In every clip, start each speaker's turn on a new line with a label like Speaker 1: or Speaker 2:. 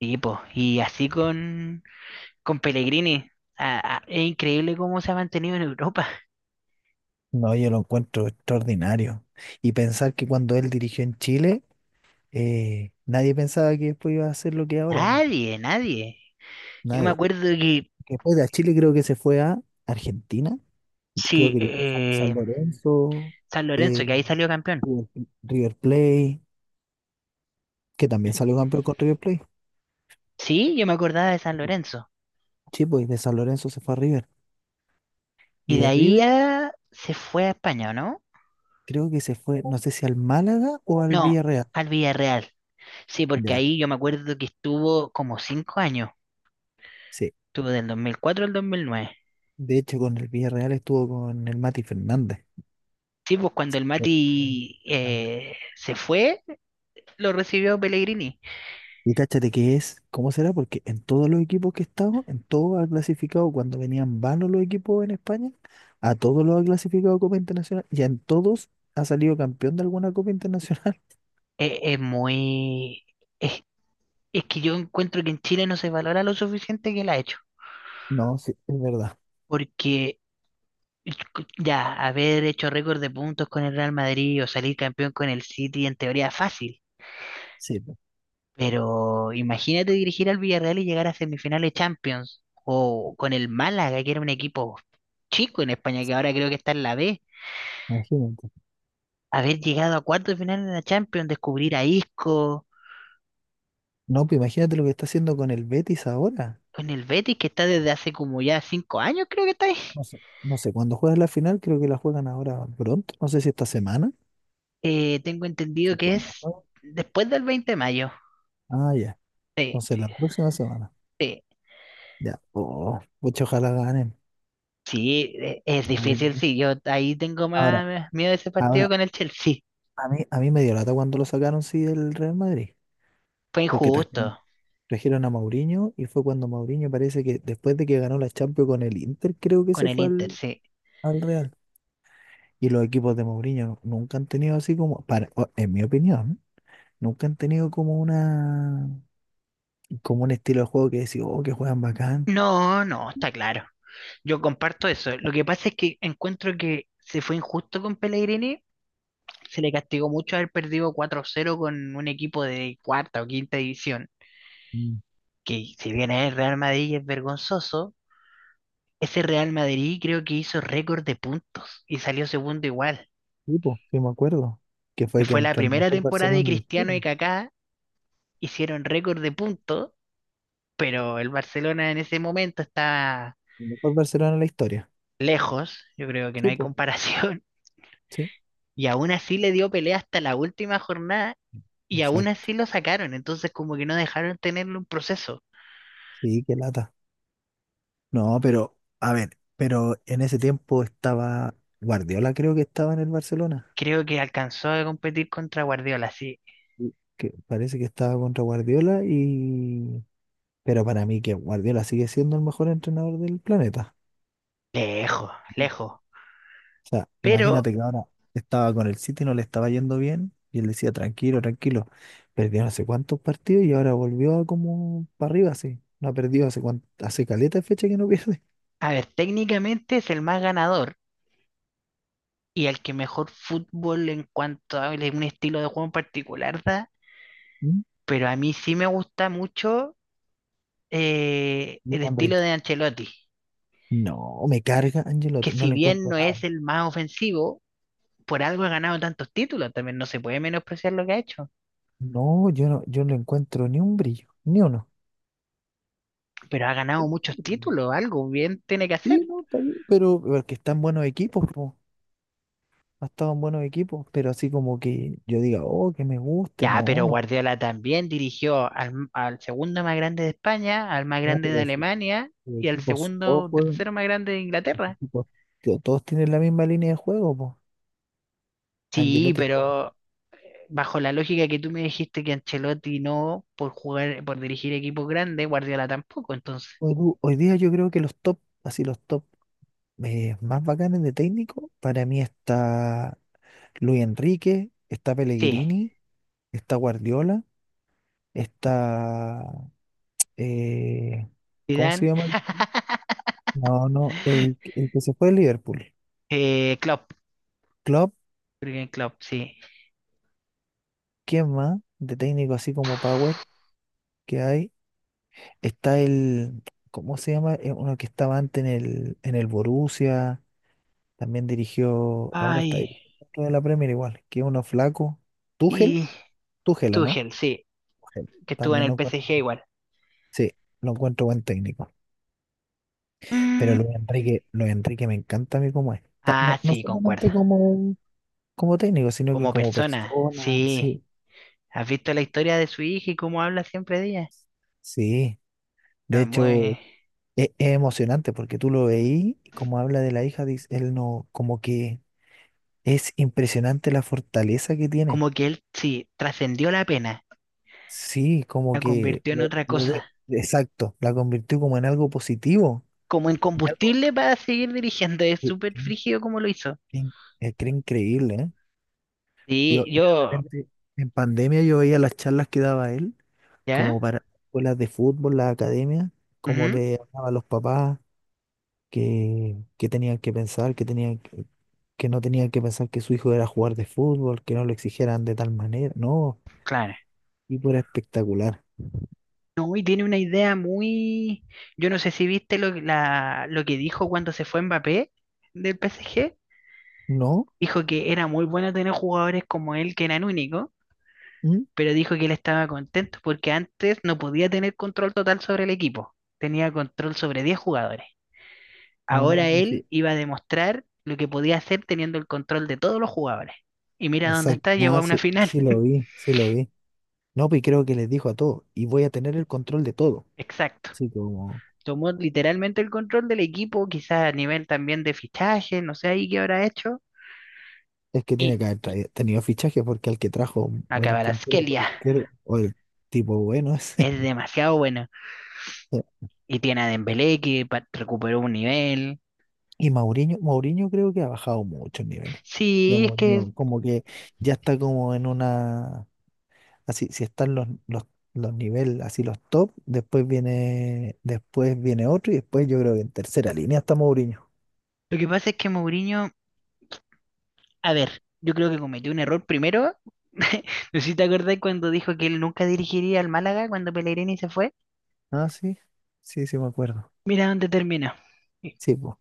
Speaker 1: Sí, po. Y así con Pellegrini. Es increíble cómo se ha mantenido en Europa.
Speaker 2: No, yo lo encuentro extraordinario. Y pensar que cuando él dirigió en Chile, nadie pensaba que después iba a hacer lo que es ahora, po.
Speaker 1: Nadie, nadie. Yo me
Speaker 2: Nadie.
Speaker 1: acuerdo que
Speaker 2: Después de Chile creo que se fue a Argentina, creo
Speaker 1: sí,
Speaker 2: que dirigió San Lorenzo,
Speaker 1: San Lorenzo,
Speaker 2: eh,
Speaker 1: que ahí salió campeón.
Speaker 2: River River Plate, que también salió campeón con River Plate.
Speaker 1: Sí, yo me acordaba de San Lorenzo.
Speaker 2: Sí, pues de San Lorenzo se fue a River. Y
Speaker 1: Y de
Speaker 2: de
Speaker 1: ahí
Speaker 2: River
Speaker 1: ya se fue a España, ¿o no?
Speaker 2: creo que se fue, no sé si al Málaga o al
Speaker 1: No,
Speaker 2: Villarreal.
Speaker 1: al Villarreal. Sí, porque
Speaker 2: Ya,
Speaker 1: ahí yo me acuerdo que estuvo como cinco años.
Speaker 2: sí.
Speaker 1: Estuvo del 2004 al 2009.
Speaker 2: De hecho, con el Villarreal estuvo con el Mati Fernández.
Speaker 1: Sí, pues
Speaker 2: Sí.
Speaker 1: cuando el Mati se fue, lo recibió Pellegrini.
Speaker 2: Y cáchate que es, ¿cómo será? Porque en todos los equipos que he estado, en todos ha clasificado, cuando venían vanos los equipos en España, a todos los ha clasificado Copa Internacional y en todos ha salido campeón de alguna Copa Internacional.
Speaker 1: Es muy... Es, es que yo encuentro que en Chile no se valora lo suficiente que la ha hecho.
Speaker 2: No, sí, es verdad.
Speaker 1: Porque ya, haber hecho récord de puntos con el Real Madrid o salir campeón con el City en teoría es fácil.
Speaker 2: Sí, pues,
Speaker 1: Pero imagínate dirigir al Villarreal y llegar a semifinales Champions. O con el Málaga, que era un equipo chico en España, que ahora creo que está en la B.
Speaker 2: imagínate.
Speaker 1: Haber llegado a cuartos de final en la Champions, descubrir a Isco.
Speaker 2: No, pues imagínate lo que está haciendo con el Betis ahora.
Speaker 1: Con el Betis, que está desde hace como ya cinco años, creo que está ahí.
Speaker 2: No sé, no sé, cuando juegan la final, creo que la juegan ahora pronto, no sé si esta semana.
Speaker 1: Tengo entendido
Speaker 2: Sí,
Speaker 1: que
Speaker 2: cuándo
Speaker 1: es
Speaker 2: juegan.
Speaker 1: después del 20 de mayo.
Speaker 2: Ah, ya,
Speaker 1: Sí,
Speaker 2: entonces la próxima semana.
Speaker 1: sí,
Speaker 2: Ya, oh, pucha, ojalá ganen.
Speaker 1: sí, es difícil,
Speaker 2: Vale.
Speaker 1: sí. Yo ahí tengo
Speaker 2: Ahora,
Speaker 1: más miedo de ese partido
Speaker 2: ahora
Speaker 1: con el Chelsea.
Speaker 2: a mí me dio lata cuando lo sacaron, sí, del Real Madrid,
Speaker 1: Fue
Speaker 2: porque
Speaker 1: injusto
Speaker 2: trajeron a Mourinho y fue cuando Mourinho parece que después de que ganó la Champions con el Inter, creo que
Speaker 1: con
Speaker 2: se
Speaker 1: el
Speaker 2: fue
Speaker 1: Inter, sí.
Speaker 2: al Real. Y los equipos de Mourinho nunca han tenido así como, para, en mi opinión, nunca han tenido como como un estilo de juego que decía, oh, que juegan bacán.
Speaker 1: No, no, está claro. Yo comparto eso. Lo que pasa es que encuentro que se fue injusto con Pellegrini. Se le castigó mucho haber perdido 4-0 con un equipo de cuarta o quinta división,
Speaker 2: Tipo,
Speaker 1: que si bien es el Real Madrid y es vergonzoso. Ese Real Madrid creo que hizo récord de puntos y salió segundo igual.
Speaker 2: sí, po, sí me acuerdo, que
Speaker 1: Y
Speaker 2: fue que
Speaker 1: fue la
Speaker 2: entró el
Speaker 1: primera
Speaker 2: mejor
Speaker 1: temporada de
Speaker 2: Barcelona en la
Speaker 1: Cristiano
Speaker 2: historia.
Speaker 1: y Kaká, hicieron récord de puntos, pero el Barcelona en ese momento estaba
Speaker 2: El mejor Barcelona en la historia.
Speaker 1: lejos, yo creo que no
Speaker 2: Sí,
Speaker 1: hay
Speaker 2: po,
Speaker 1: comparación,
Speaker 2: sí,
Speaker 1: y aún así le dio pelea hasta la última jornada, y aún
Speaker 2: exacto.
Speaker 1: así lo sacaron, entonces como que no dejaron tenerle un proceso.
Speaker 2: Sí, qué lata. No, pero, a ver, pero en ese tiempo estaba Guardiola, creo que estaba en el Barcelona.
Speaker 1: Creo que alcanzó a competir contra Guardiola, sí,
Speaker 2: Sí. Que parece que estaba contra Guardiola y… Pero para mí que Guardiola sigue siendo el mejor entrenador del planeta.
Speaker 1: lejos,
Speaker 2: O
Speaker 1: lejos.
Speaker 2: sea,
Speaker 1: Pero,
Speaker 2: imagínate que ahora estaba con el City, no le estaba yendo bien y él decía, tranquilo, tranquilo. Perdió no sé cuántos partidos y ahora volvió a como para arriba, así. No ha perdido hace cuánto, hace caleta de fecha que no pierde.
Speaker 1: a ver, técnicamente es el más ganador y al que mejor fútbol en cuanto a un estilo de juego en particular da,
Speaker 2: ¿Mm?
Speaker 1: pero a mí sí me gusta mucho
Speaker 2: Luis
Speaker 1: el estilo
Speaker 2: Enrique.
Speaker 1: de Ancelotti,
Speaker 2: No, me carga
Speaker 1: que
Speaker 2: Angelotti, no
Speaker 1: si
Speaker 2: le
Speaker 1: bien
Speaker 2: encuentro
Speaker 1: no es
Speaker 2: nada.
Speaker 1: el más ofensivo, por algo ha ganado tantos títulos, también no se puede menospreciar lo que ha hecho,
Speaker 2: No, yo no le encuentro ni un brillo, ni uno.
Speaker 1: pero ha ganado muchos títulos, algo bien tiene que hacer.
Speaker 2: Sí, no, está bien, pero porque están buenos equipos, po, ha estado en buenos equipos, pero así como que yo diga, oh, que me guste,
Speaker 1: Ya,
Speaker 2: no,
Speaker 1: pero
Speaker 2: no,
Speaker 1: Guardiola también dirigió al segundo más grande de España, al más
Speaker 2: no,
Speaker 1: grande de
Speaker 2: pero
Speaker 1: Alemania
Speaker 2: si
Speaker 1: y al
Speaker 2: equipos todos
Speaker 1: segundo,
Speaker 2: juegan,
Speaker 1: tercero más grande de Inglaterra.
Speaker 2: equipos, tío, todos tienen la misma línea de juego, pues.
Speaker 1: Sí,
Speaker 2: Angelotti es como,
Speaker 1: pero bajo la lógica que tú me dijiste que Ancelotti no por jugar, por dirigir equipos grandes, Guardiola tampoco, entonces,
Speaker 2: hoy, hoy día yo creo que los top, así los top más bacanes de técnico, para mí está Luis Enrique, está
Speaker 1: sí,
Speaker 2: Pellegrini, está Guardiola, está eh, ¿cómo se
Speaker 1: Zidane,
Speaker 2: llama? No, no, el que se fue de Liverpool.
Speaker 1: Klopp,
Speaker 2: Klopp,
Speaker 1: Jürgen Klopp, sí.
Speaker 2: ¿quién más? De técnico así como Power que hay. Está ¿cómo se llama? Uno que estaba antes en en el Borussia, también dirigió, ahora está ahí,
Speaker 1: Ay,
Speaker 2: otro de la Premier igual, que es uno flaco. Tuchel,
Speaker 1: y
Speaker 2: Tuchel, ¿o no?
Speaker 1: Tuchel, sí,
Speaker 2: Tuchel.
Speaker 1: que estuvo en
Speaker 2: También
Speaker 1: el
Speaker 2: lo encuentro,
Speaker 1: PSG igual.
Speaker 2: sí, lo encuentro buen técnico. Pero
Speaker 1: Mm.
Speaker 2: Luis Enrique, Luis Enrique me encanta a mí como es.
Speaker 1: Ah,
Speaker 2: No, no
Speaker 1: sí, concuerdo.
Speaker 2: solamente como, como técnico, sino que
Speaker 1: Como
Speaker 2: como
Speaker 1: persona,
Speaker 2: persona,
Speaker 1: sí.
Speaker 2: sí.
Speaker 1: ¿Has visto la historia de su hija y cómo habla siempre de ella?
Speaker 2: Sí, de
Speaker 1: Ah,
Speaker 2: hecho
Speaker 1: muy-
Speaker 2: es, emocionante porque tú lo veí y como habla de la hija, dice, él no, como que es impresionante la fortaleza que tiene.
Speaker 1: Como que él, sí, trascendió la pena,
Speaker 2: Sí, como
Speaker 1: la
Speaker 2: que
Speaker 1: convirtió en otra
Speaker 2: lo ve,
Speaker 1: cosa.
Speaker 2: exacto, la convirtió como en algo positivo.
Speaker 1: Como en
Speaker 2: En algo
Speaker 1: combustible para seguir dirigiendo. Es
Speaker 2: que-
Speaker 1: súper
Speaker 2: que-
Speaker 1: frígido como lo hizo.
Speaker 2: que- que era increíble, ¿eh?
Speaker 1: Sí,
Speaker 2: Yo de
Speaker 1: yo,
Speaker 2: repente en pandemia yo veía las charlas que daba él,
Speaker 1: ¿ya?
Speaker 2: como para escuelas de fútbol, la academia, como
Speaker 1: Ujú,
Speaker 2: le hablaba a los papás que tenían que pensar, que no tenían que pensar que su hijo era jugar de fútbol, que no lo exigieran de tal manera. No,
Speaker 1: claro.
Speaker 2: tipo era espectacular.
Speaker 1: No, y tiene una idea muy... Yo no sé si viste lo que dijo cuando se fue Mbappé del PSG.
Speaker 2: ¿No?
Speaker 1: Dijo que era muy bueno tener jugadores como él, que eran únicos,
Speaker 2: ¿Mm?
Speaker 1: pero dijo que él estaba contento porque antes no podía tener control total sobre el equipo. Tenía control sobre 10 jugadores.
Speaker 2: Ah,
Speaker 1: Ahora
Speaker 2: sí.
Speaker 1: él iba a demostrar lo que podía hacer teniendo el control de todos los jugadores. Y mira dónde
Speaker 2: Exacto.
Speaker 1: está, llegó a
Speaker 2: Ah,
Speaker 1: una
Speaker 2: sí,
Speaker 1: final.
Speaker 2: sí lo vi. No, pues creo que les dijo a todos, y voy a tener el control de todo.
Speaker 1: Exacto.
Speaker 2: Así como,
Speaker 1: Tomó literalmente el control del equipo, quizás a nivel también de fichaje, no sé ahí qué habrá hecho.
Speaker 2: es que tiene
Speaker 1: Y
Speaker 2: que haber tenido fichaje porque al que trajo el puntero
Speaker 1: Kvaratskhelia
Speaker 2: por izquierda, o el tipo bueno ese.
Speaker 1: es demasiado bueno. Y tiene a Dembélé que recuperó un nivel.
Speaker 2: Y Mourinho, Mourinho creo que ha bajado mucho el nivel. Ya
Speaker 1: Sí, es que
Speaker 2: Mourinho como que ya está como en una, así, si están los niveles, así los top, después viene otro y después yo creo que en tercera línea está Mourinho.
Speaker 1: Mourinho, a ver, yo creo que cometió un error primero. No sé si te acordás cuando dijo que él nunca dirigiría al Málaga cuando Pellegrini se fue.
Speaker 2: Ah, sí, sí, sí me acuerdo.
Speaker 1: Mira dónde termina.
Speaker 2: Sí, pues,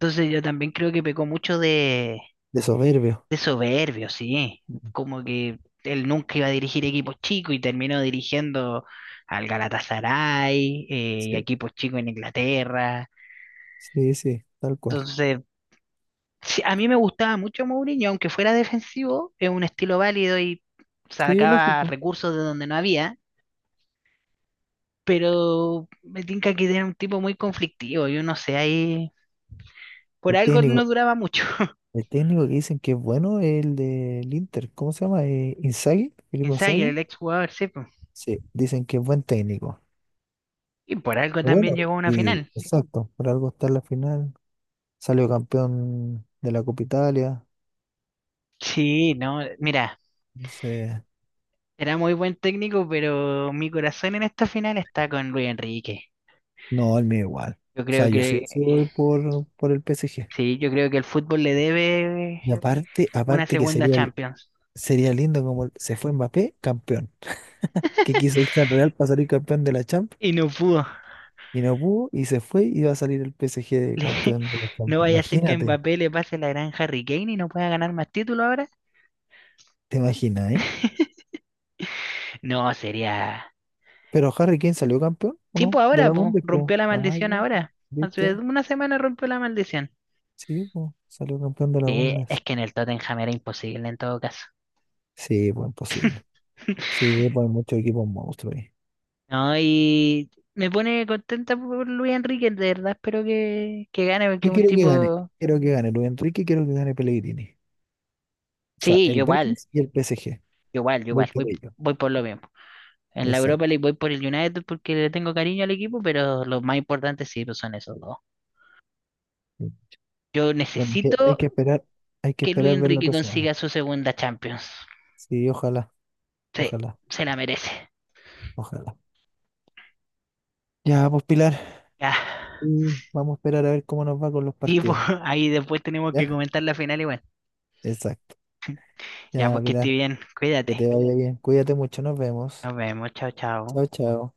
Speaker 1: Entonces yo también creo que pecó mucho
Speaker 2: de soberbio.
Speaker 1: de soberbio, sí.
Speaker 2: Mm.
Speaker 1: Como que él nunca iba a dirigir equipos chicos y terminó dirigiendo al Galatasaray, y a
Speaker 2: Sí,
Speaker 1: equipos chicos en Inglaterra.
Speaker 2: sí, sí, tal cual.
Speaker 1: Entonces, sí, a mí me gustaba mucho Mourinho, aunque fuera defensivo, es un estilo válido y
Speaker 2: Sí,
Speaker 1: sacaba
Speaker 2: lógico.
Speaker 1: recursos de donde no había, pero me tinca que era un tipo muy conflictivo, yo no sé, ahí por
Speaker 2: El
Speaker 1: algo no
Speaker 2: técnico,
Speaker 1: duraba mucho.
Speaker 2: el técnico que dicen que es bueno es el del Inter, ¿cómo se llama? Inzaghi, Filippo
Speaker 1: Insider,
Speaker 2: Inzaghi.
Speaker 1: el ex jugador, sí, po.
Speaker 2: Sí, dicen que es buen técnico.
Speaker 1: Y por algo
Speaker 2: Bueno,
Speaker 1: también llegó a una
Speaker 2: y
Speaker 1: final.
Speaker 2: exacto, por algo está en la final. Salió campeón de la Copa Italia.
Speaker 1: Sí, no, mira,
Speaker 2: Entonces,
Speaker 1: era muy buen técnico, pero mi corazón en esta final está con Luis Enrique.
Speaker 2: no, el mío igual.
Speaker 1: Yo
Speaker 2: O sea,
Speaker 1: creo
Speaker 2: yo sí,
Speaker 1: que,
Speaker 2: sí voy por el P S G
Speaker 1: sí, yo creo que el fútbol le debe
Speaker 2: Y aparte,
Speaker 1: una
Speaker 2: aparte que
Speaker 1: segunda
Speaker 2: sería,
Speaker 1: Champions.
Speaker 2: sería lindo como se fue Mbappé campeón. Que quiso irse al Real para salir campeón de la Champions
Speaker 1: Y no pudo.
Speaker 2: y no pudo y se fue y va a salir el P PSG de
Speaker 1: Le-
Speaker 2: campeón de la
Speaker 1: no
Speaker 2: Champions.
Speaker 1: vaya a ser que a
Speaker 2: Imagínate,
Speaker 1: Mbappé le pase la gran Harry Kane y no pueda ganar más títulos ahora.
Speaker 2: te imaginas, ¿eh?
Speaker 1: No, sería.
Speaker 2: Pero Harry Kane salió campeón, ¿o
Speaker 1: Sí,
Speaker 2: no?
Speaker 1: pues
Speaker 2: De
Speaker 1: ahora,
Speaker 2: la
Speaker 1: pues,
Speaker 2: Bundesliga.
Speaker 1: rompió la
Speaker 2: Ah,
Speaker 1: maldición
Speaker 2: ya,
Speaker 1: ahora. Hace
Speaker 2: ¿viste?
Speaker 1: una semana rompió la maldición.
Speaker 2: Sí, po, salió campeón de la
Speaker 1: Sí, es
Speaker 2: Bundesliga.
Speaker 1: que en el Tottenham era imposible en todo caso.
Speaker 2: Sí, pues imposible. Sí, pues hay muchos equipos monstruos ahí.
Speaker 1: No, y me pone contenta por Luis Enrique, de verdad espero que gane, porque
Speaker 2: Yo
Speaker 1: es un
Speaker 2: quiero que gane.
Speaker 1: tipo.
Speaker 2: Quiero que gane Luis Enrique, quiero que gane Pellegrini. O sea,
Speaker 1: Sí,
Speaker 2: el
Speaker 1: yo igual,
Speaker 2: Betis y el PSG.
Speaker 1: yo igual, yo
Speaker 2: Voy
Speaker 1: igual,
Speaker 2: por
Speaker 1: voy,
Speaker 2: ello.
Speaker 1: voy por lo mismo. En la Europa
Speaker 2: Exacto.
Speaker 1: le voy por el United porque le tengo cariño al equipo, pero los más importantes sí pues son esos dos. Yo
Speaker 2: Bueno, que
Speaker 1: necesito
Speaker 2: hay que
Speaker 1: que Luis
Speaker 2: esperar ver la
Speaker 1: Enrique
Speaker 2: otra semana.
Speaker 1: consiga su segunda Champions.
Speaker 2: Sí, ojalá,
Speaker 1: Sí,
Speaker 2: ojalá,
Speaker 1: se la merece.
Speaker 2: ojalá. Ya, pues Pilar,
Speaker 1: Ya.
Speaker 2: y vamos a esperar a ver cómo nos va con los
Speaker 1: Y pues,
Speaker 2: partidos.
Speaker 1: ahí después tenemos que
Speaker 2: ¿Ya?
Speaker 1: comentar la final igual.
Speaker 2: Exacto.
Speaker 1: Ya,
Speaker 2: Ya,
Speaker 1: pues que esté
Speaker 2: Pilar,
Speaker 1: bien,
Speaker 2: que te
Speaker 1: cuídate.
Speaker 2: vaya bien. Cuídate mucho, nos vemos.
Speaker 1: Nos vemos, chao, chao.
Speaker 2: Chao, chao.